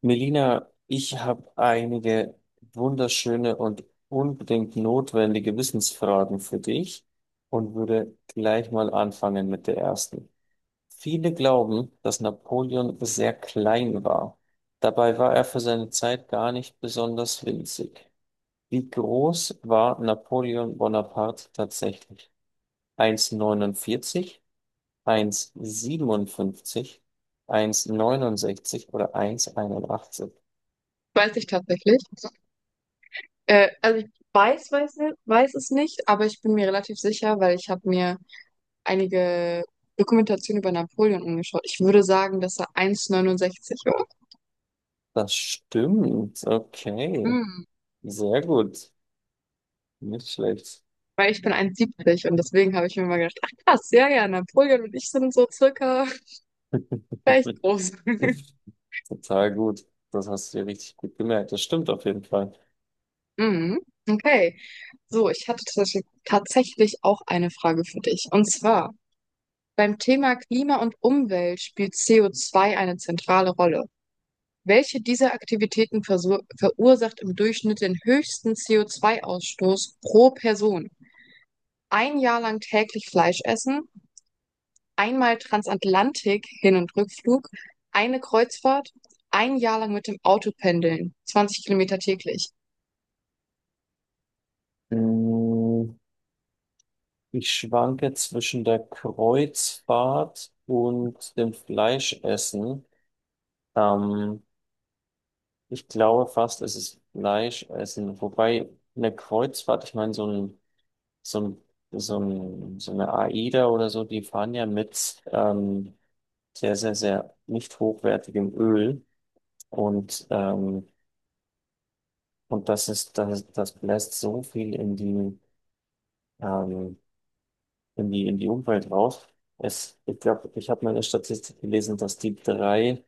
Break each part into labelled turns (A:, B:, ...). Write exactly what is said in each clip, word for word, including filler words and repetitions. A: Melina, ich habe einige wunderschöne und unbedingt notwendige Wissensfragen für dich und würde gleich mal anfangen mit der ersten. Viele glauben, dass Napoleon sehr klein war. Dabei war er für seine Zeit gar nicht besonders winzig. Wie groß war Napoleon Bonaparte tatsächlich? eins Komma neunundvierzig, eins Komma siebenundfünfzig, neunundsechzig oder eins Komma einundachtzig?
B: Weiß ich tatsächlich. Äh, also ich weiß, weiß, ni- weiß es nicht, aber ich bin mir relativ sicher, weil ich habe mir einige Dokumentationen über Napoleon angeschaut. Ich würde sagen, dass er eins Komma neunundsechzig war.
A: Das stimmt. Okay.
B: Hm.
A: Sehr gut. Nicht schlecht.
B: Weil ich bin eins Komma siebzig und deswegen habe ich mir mal gedacht, ach krass, ja, ja, Napoleon und ich sind so circa gleich groß.
A: Total gut. Das hast du dir richtig gut gemerkt. Das stimmt auf jeden Fall.
B: Mhm. Okay, so, ich hatte tatsächlich tatsächlich auch eine Frage für dich. Und zwar, beim Thema Klima und Umwelt spielt co zwei eine zentrale Rolle. Welche dieser Aktivitäten versu- verursacht im Durchschnitt den höchsten C O zwei Ausstoß pro Person? Ein Jahr lang täglich Fleisch essen, einmal Transatlantik Hin- und Rückflug, eine Kreuzfahrt, ein Jahr lang mit dem Auto pendeln, zwanzig Kilometer täglich.
A: Mm, Ich schwanke zwischen der Kreuzfahrt und dem Fleischessen. Ähm, Ich glaube fast, es ist Fleischessen. Wobei eine Kreuzfahrt, ich meine, so ein, so ein, so ein, so eine AIDA oder so, die fahren ja mit ähm, sehr, sehr, sehr nicht hochwertigem Öl. Und, ähm, und das ist, das, das bläst so viel in die, ähm, in die, in die Umwelt raus. Es, ich glaube, ich habe mal eine Statistik gelesen, dass die drei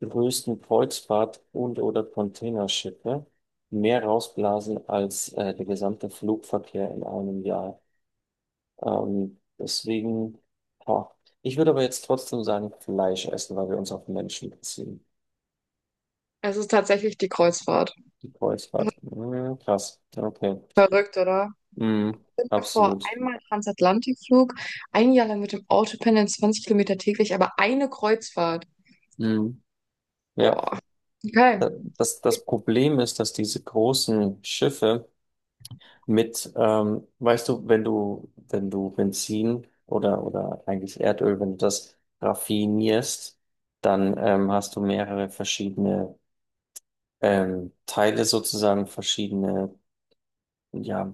A: größten Kreuzfahrt- und oder Containerschiffe mehr rausblasen als äh, der gesamte Flugverkehr in einem Jahr. Ähm, deswegen, boah. Ich würde aber jetzt trotzdem sagen, Fleisch essen, weil wir uns auf Menschen beziehen.
B: Es ist tatsächlich die Kreuzfahrt.
A: Die Kreuzfahrt. Ja, krass. Ja, okay.
B: Verrückt, oder?
A: Mhm,
B: Davor
A: absolut.
B: einmal Transatlantikflug, ein Jahr lang mit dem Auto pendeln, zwanzig Kilometer täglich, aber eine Kreuzfahrt.
A: Mhm. Ja,
B: Boah. Okay.
A: Da- das, das Problem ist, dass diese großen Schiffe mit, ähm, weißt du, wenn du, wenn du Benzin oder, oder eigentlich Erdöl, wenn du das raffinierst, dann ähm, hast du mehrere verschiedene ähm, Teile sozusagen, verschiedene ja,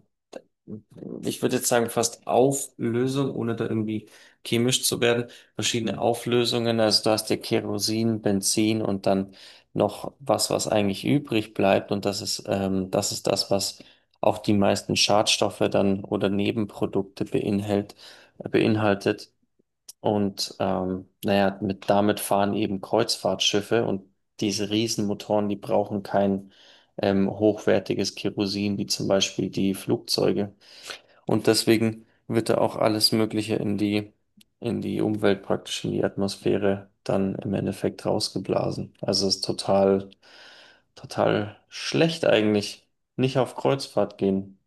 A: ich würde jetzt sagen, fast Auflösung, ohne da irgendwie chemisch zu werden. Verschiedene Auflösungen, also da hast du Kerosin, Benzin und dann noch was, was eigentlich übrig bleibt. Und das ist, ähm, das ist das, was auch die meisten Schadstoffe dann oder Nebenprodukte beinhalt, beinhaltet. Und ähm, naja, mit, damit fahren eben Kreuzfahrtschiffe, und diese Riesenmotoren, die brauchen kein ähm, hochwertiges Kerosin, wie zum Beispiel die Flugzeuge. Und deswegen wird da auch alles Mögliche in die, in die Umwelt, praktisch in die Atmosphäre, dann im Endeffekt rausgeblasen. Also es ist total, total schlecht eigentlich. Nicht auf Kreuzfahrt gehen.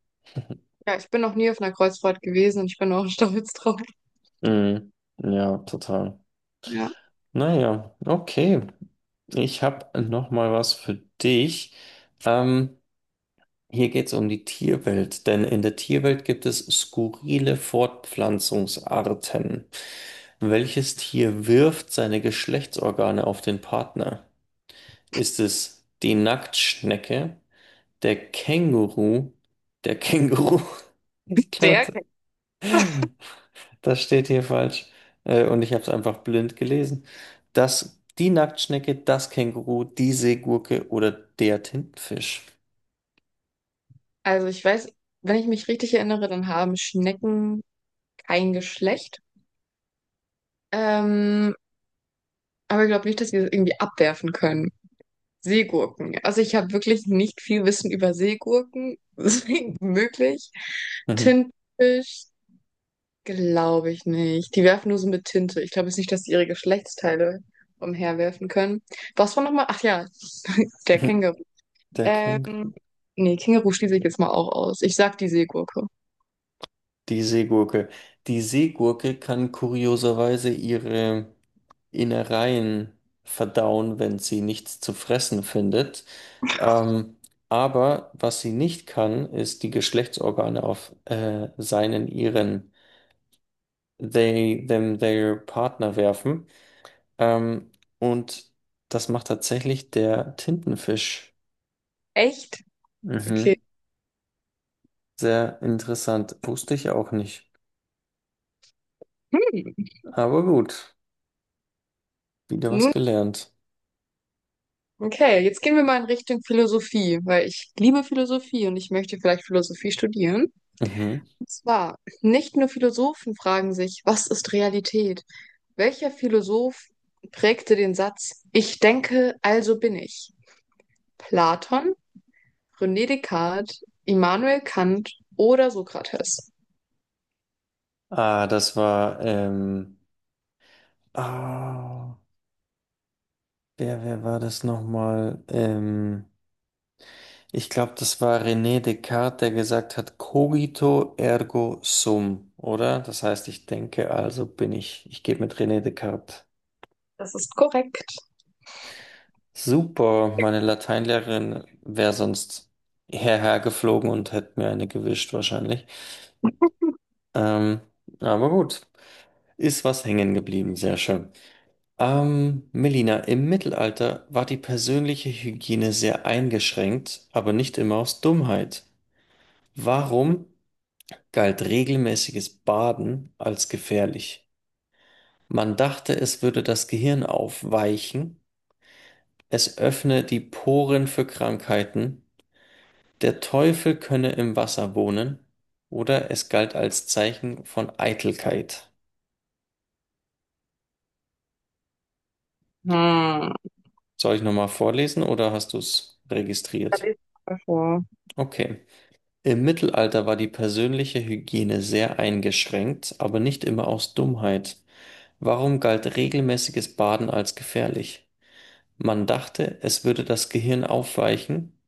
B: Ja, ich bin noch nie auf einer Kreuzfahrt gewesen und ich bin auch stolz drauf.
A: Mhm. Ja, total.
B: Ja,
A: Naja, okay. Ich habe noch mal was für dich. Ähm, hier geht es um die Tierwelt, denn in der Tierwelt gibt es skurrile Fortpflanzungsarten. Welches Tier wirft seine Geschlechtsorgane auf den Partner? Ist es die Nacktschnecke, der Känguru, der Känguru? Ich
B: sehr.
A: glaube, das steht hier falsch. Äh, und ich habe es einfach blind gelesen. Das, die Nacktschnecke, das Känguru, die Seegurke oder der Tintenfisch.
B: Also ich weiß, wenn ich mich richtig erinnere, dann haben Schnecken kein Geschlecht. Ähm, aber ich glaube nicht, dass wir das irgendwie abwerfen können. Seegurken. Also ich habe wirklich nicht viel Wissen über Seegurken. Deswegen möglich.
A: Mhm.
B: Tintenfisch, glaube ich nicht. Die werfen nur so mit Tinte. Ich glaube jetzt nicht, dass die ihre Geschlechtsteile umherwerfen können. Was war nochmal? Ach ja, der Känguru.
A: Der
B: Ähm,
A: Känguru.
B: Nee, Känguru schließe ich jetzt mal auch aus. Ich sag die Seegurke.
A: Die Seegurke. Die Seegurke kann kurioserweise ihre Innereien verdauen, wenn sie nichts zu fressen findet. Ähm, aber was sie nicht kann, ist die Geschlechtsorgane auf äh, seinen, ihren, they, them, their Partner werfen. Ähm, und das macht tatsächlich der Tintenfisch.
B: Echt? Okay.
A: Mhm. Sehr interessant. Wusste ich auch nicht.
B: Hm.
A: Aber gut, wieder was
B: Nun,
A: gelernt.
B: okay, jetzt gehen wir mal in Richtung Philosophie, weil ich liebe Philosophie und ich möchte vielleicht Philosophie studieren.
A: Mhm.
B: Und zwar, nicht nur Philosophen fragen sich, was ist Realität? Welcher Philosoph prägte den Satz, ich denke, also bin ich? Platon, René Descartes, Immanuel Kant oder Sokrates?
A: Ah, das war, ähm, ah, wer, wer war das nochmal? Ähm, ich glaube, das war René Descartes, der gesagt hat, cogito ergo sum, oder? Das heißt, ich denke, also bin ich. Ich gehe mit René Descartes.
B: Das ist korrekt.
A: Super, meine Lateinlehrerin wäre sonst hierher geflogen und hätte mir eine gewischt wahrscheinlich. Ähm, aber gut, ist was hängen geblieben, sehr schön. Ähm, Melina, im Mittelalter war die persönliche Hygiene sehr eingeschränkt, aber nicht immer aus Dummheit. Warum galt regelmäßiges Baden als gefährlich? Man dachte, es würde das Gehirn aufweichen, es öffne die Poren für Krankheiten, der Teufel könne im Wasser wohnen, oder es galt als Zeichen von Eitelkeit.
B: Hm.
A: Soll ich nochmal vorlesen oder hast du es
B: Da
A: registriert?
B: lese ich mal vor.
A: Okay. Im Mittelalter war die persönliche Hygiene sehr eingeschränkt, aber nicht immer aus Dummheit. Warum galt regelmäßiges Baden als gefährlich? Man dachte, es würde das Gehirn aufweichen,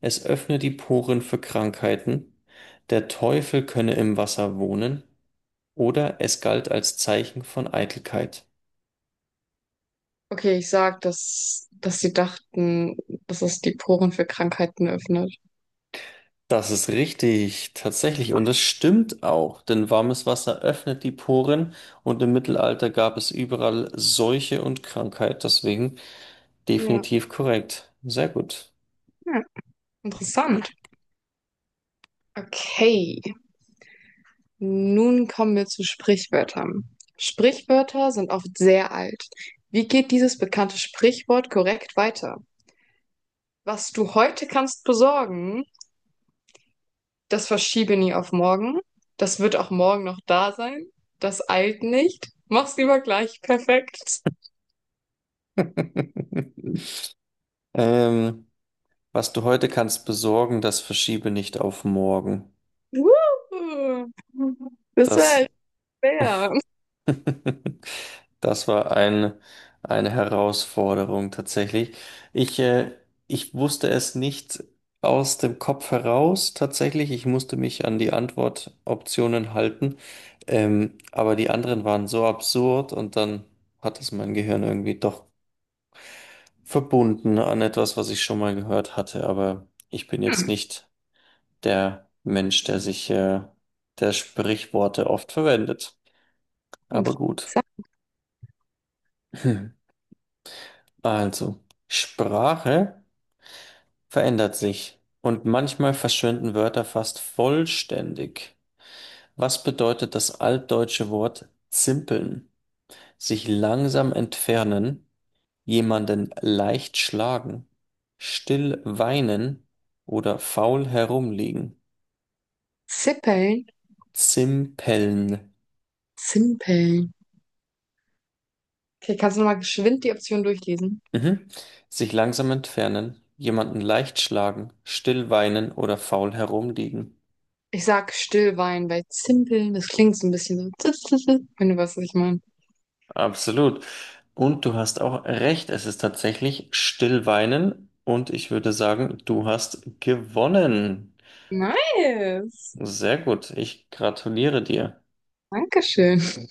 A: es öffne die Poren für Krankheiten, der Teufel könne im Wasser wohnen, oder es galt als Zeichen von Eitelkeit.
B: Okay, ich sag, dass, dass sie dachten, dass es die Poren für Krankheiten öffnet.
A: Das ist richtig, tatsächlich. Und das stimmt auch, denn warmes Wasser öffnet die Poren und im Mittelalter gab es überall Seuche und Krankheit. Deswegen
B: Ja.
A: definitiv korrekt. Sehr gut.
B: Ja. Interessant. Okay, nun kommen wir zu Sprichwörtern. Sprichwörter sind oft sehr alt. Wie geht dieses bekannte Sprichwort korrekt weiter? Was du heute kannst besorgen, das verschiebe nie auf morgen. Das wird auch morgen noch da sein. Das eilt nicht. Mach's lieber gleich perfekt.
A: Ähm, was du heute kannst besorgen, das verschiebe nicht auf morgen.
B: Wuhu. Das war
A: Das
B: echt schwer.
A: Das war ein, eine Herausforderung tatsächlich. Ich, äh, ich wusste es nicht aus dem Kopf heraus tatsächlich. Ich musste mich an die Antwortoptionen halten. Ähm, aber die anderen waren so absurd und dann hat es mein Gehirn irgendwie doch verbunden an etwas, was ich schon mal gehört hatte. Aber ich bin jetzt nicht der Mensch, der sich, äh, der Sprichworte oft verwendet.
B: Ich
A: Aber gut.
B: sag
A: Also, Sprache verändert sich und manchmal verschwinden Wörter fast vollständig. Was bedeutet das altdeutsche Wort zimpeln? Sich langsam entfernen, jemanden leicht schlagen, still weinen oder faul herumliegen.
B: Zippeln.
A: Zimpeln.
B: Zimpeln. Okay, kannst du nochmal geschwind die Option durchlesen?
A: Mhm. Sich langsam entfernen, jemanden leicht schlagen, still weinen oder faul herumliegen.
B: Ich sag Stillwein, weil Zimpeln, das klingt so ein bisschen so, wenn du weißt, was ich meine.
A: Absolut. Und du hast auch recht, es ist tatsächlich Stillweinen und ich würde sagen, du hast gewonnen.
B: Nice.
A: Sehr gut, ich gratuliere dir.
B: Dankeschön.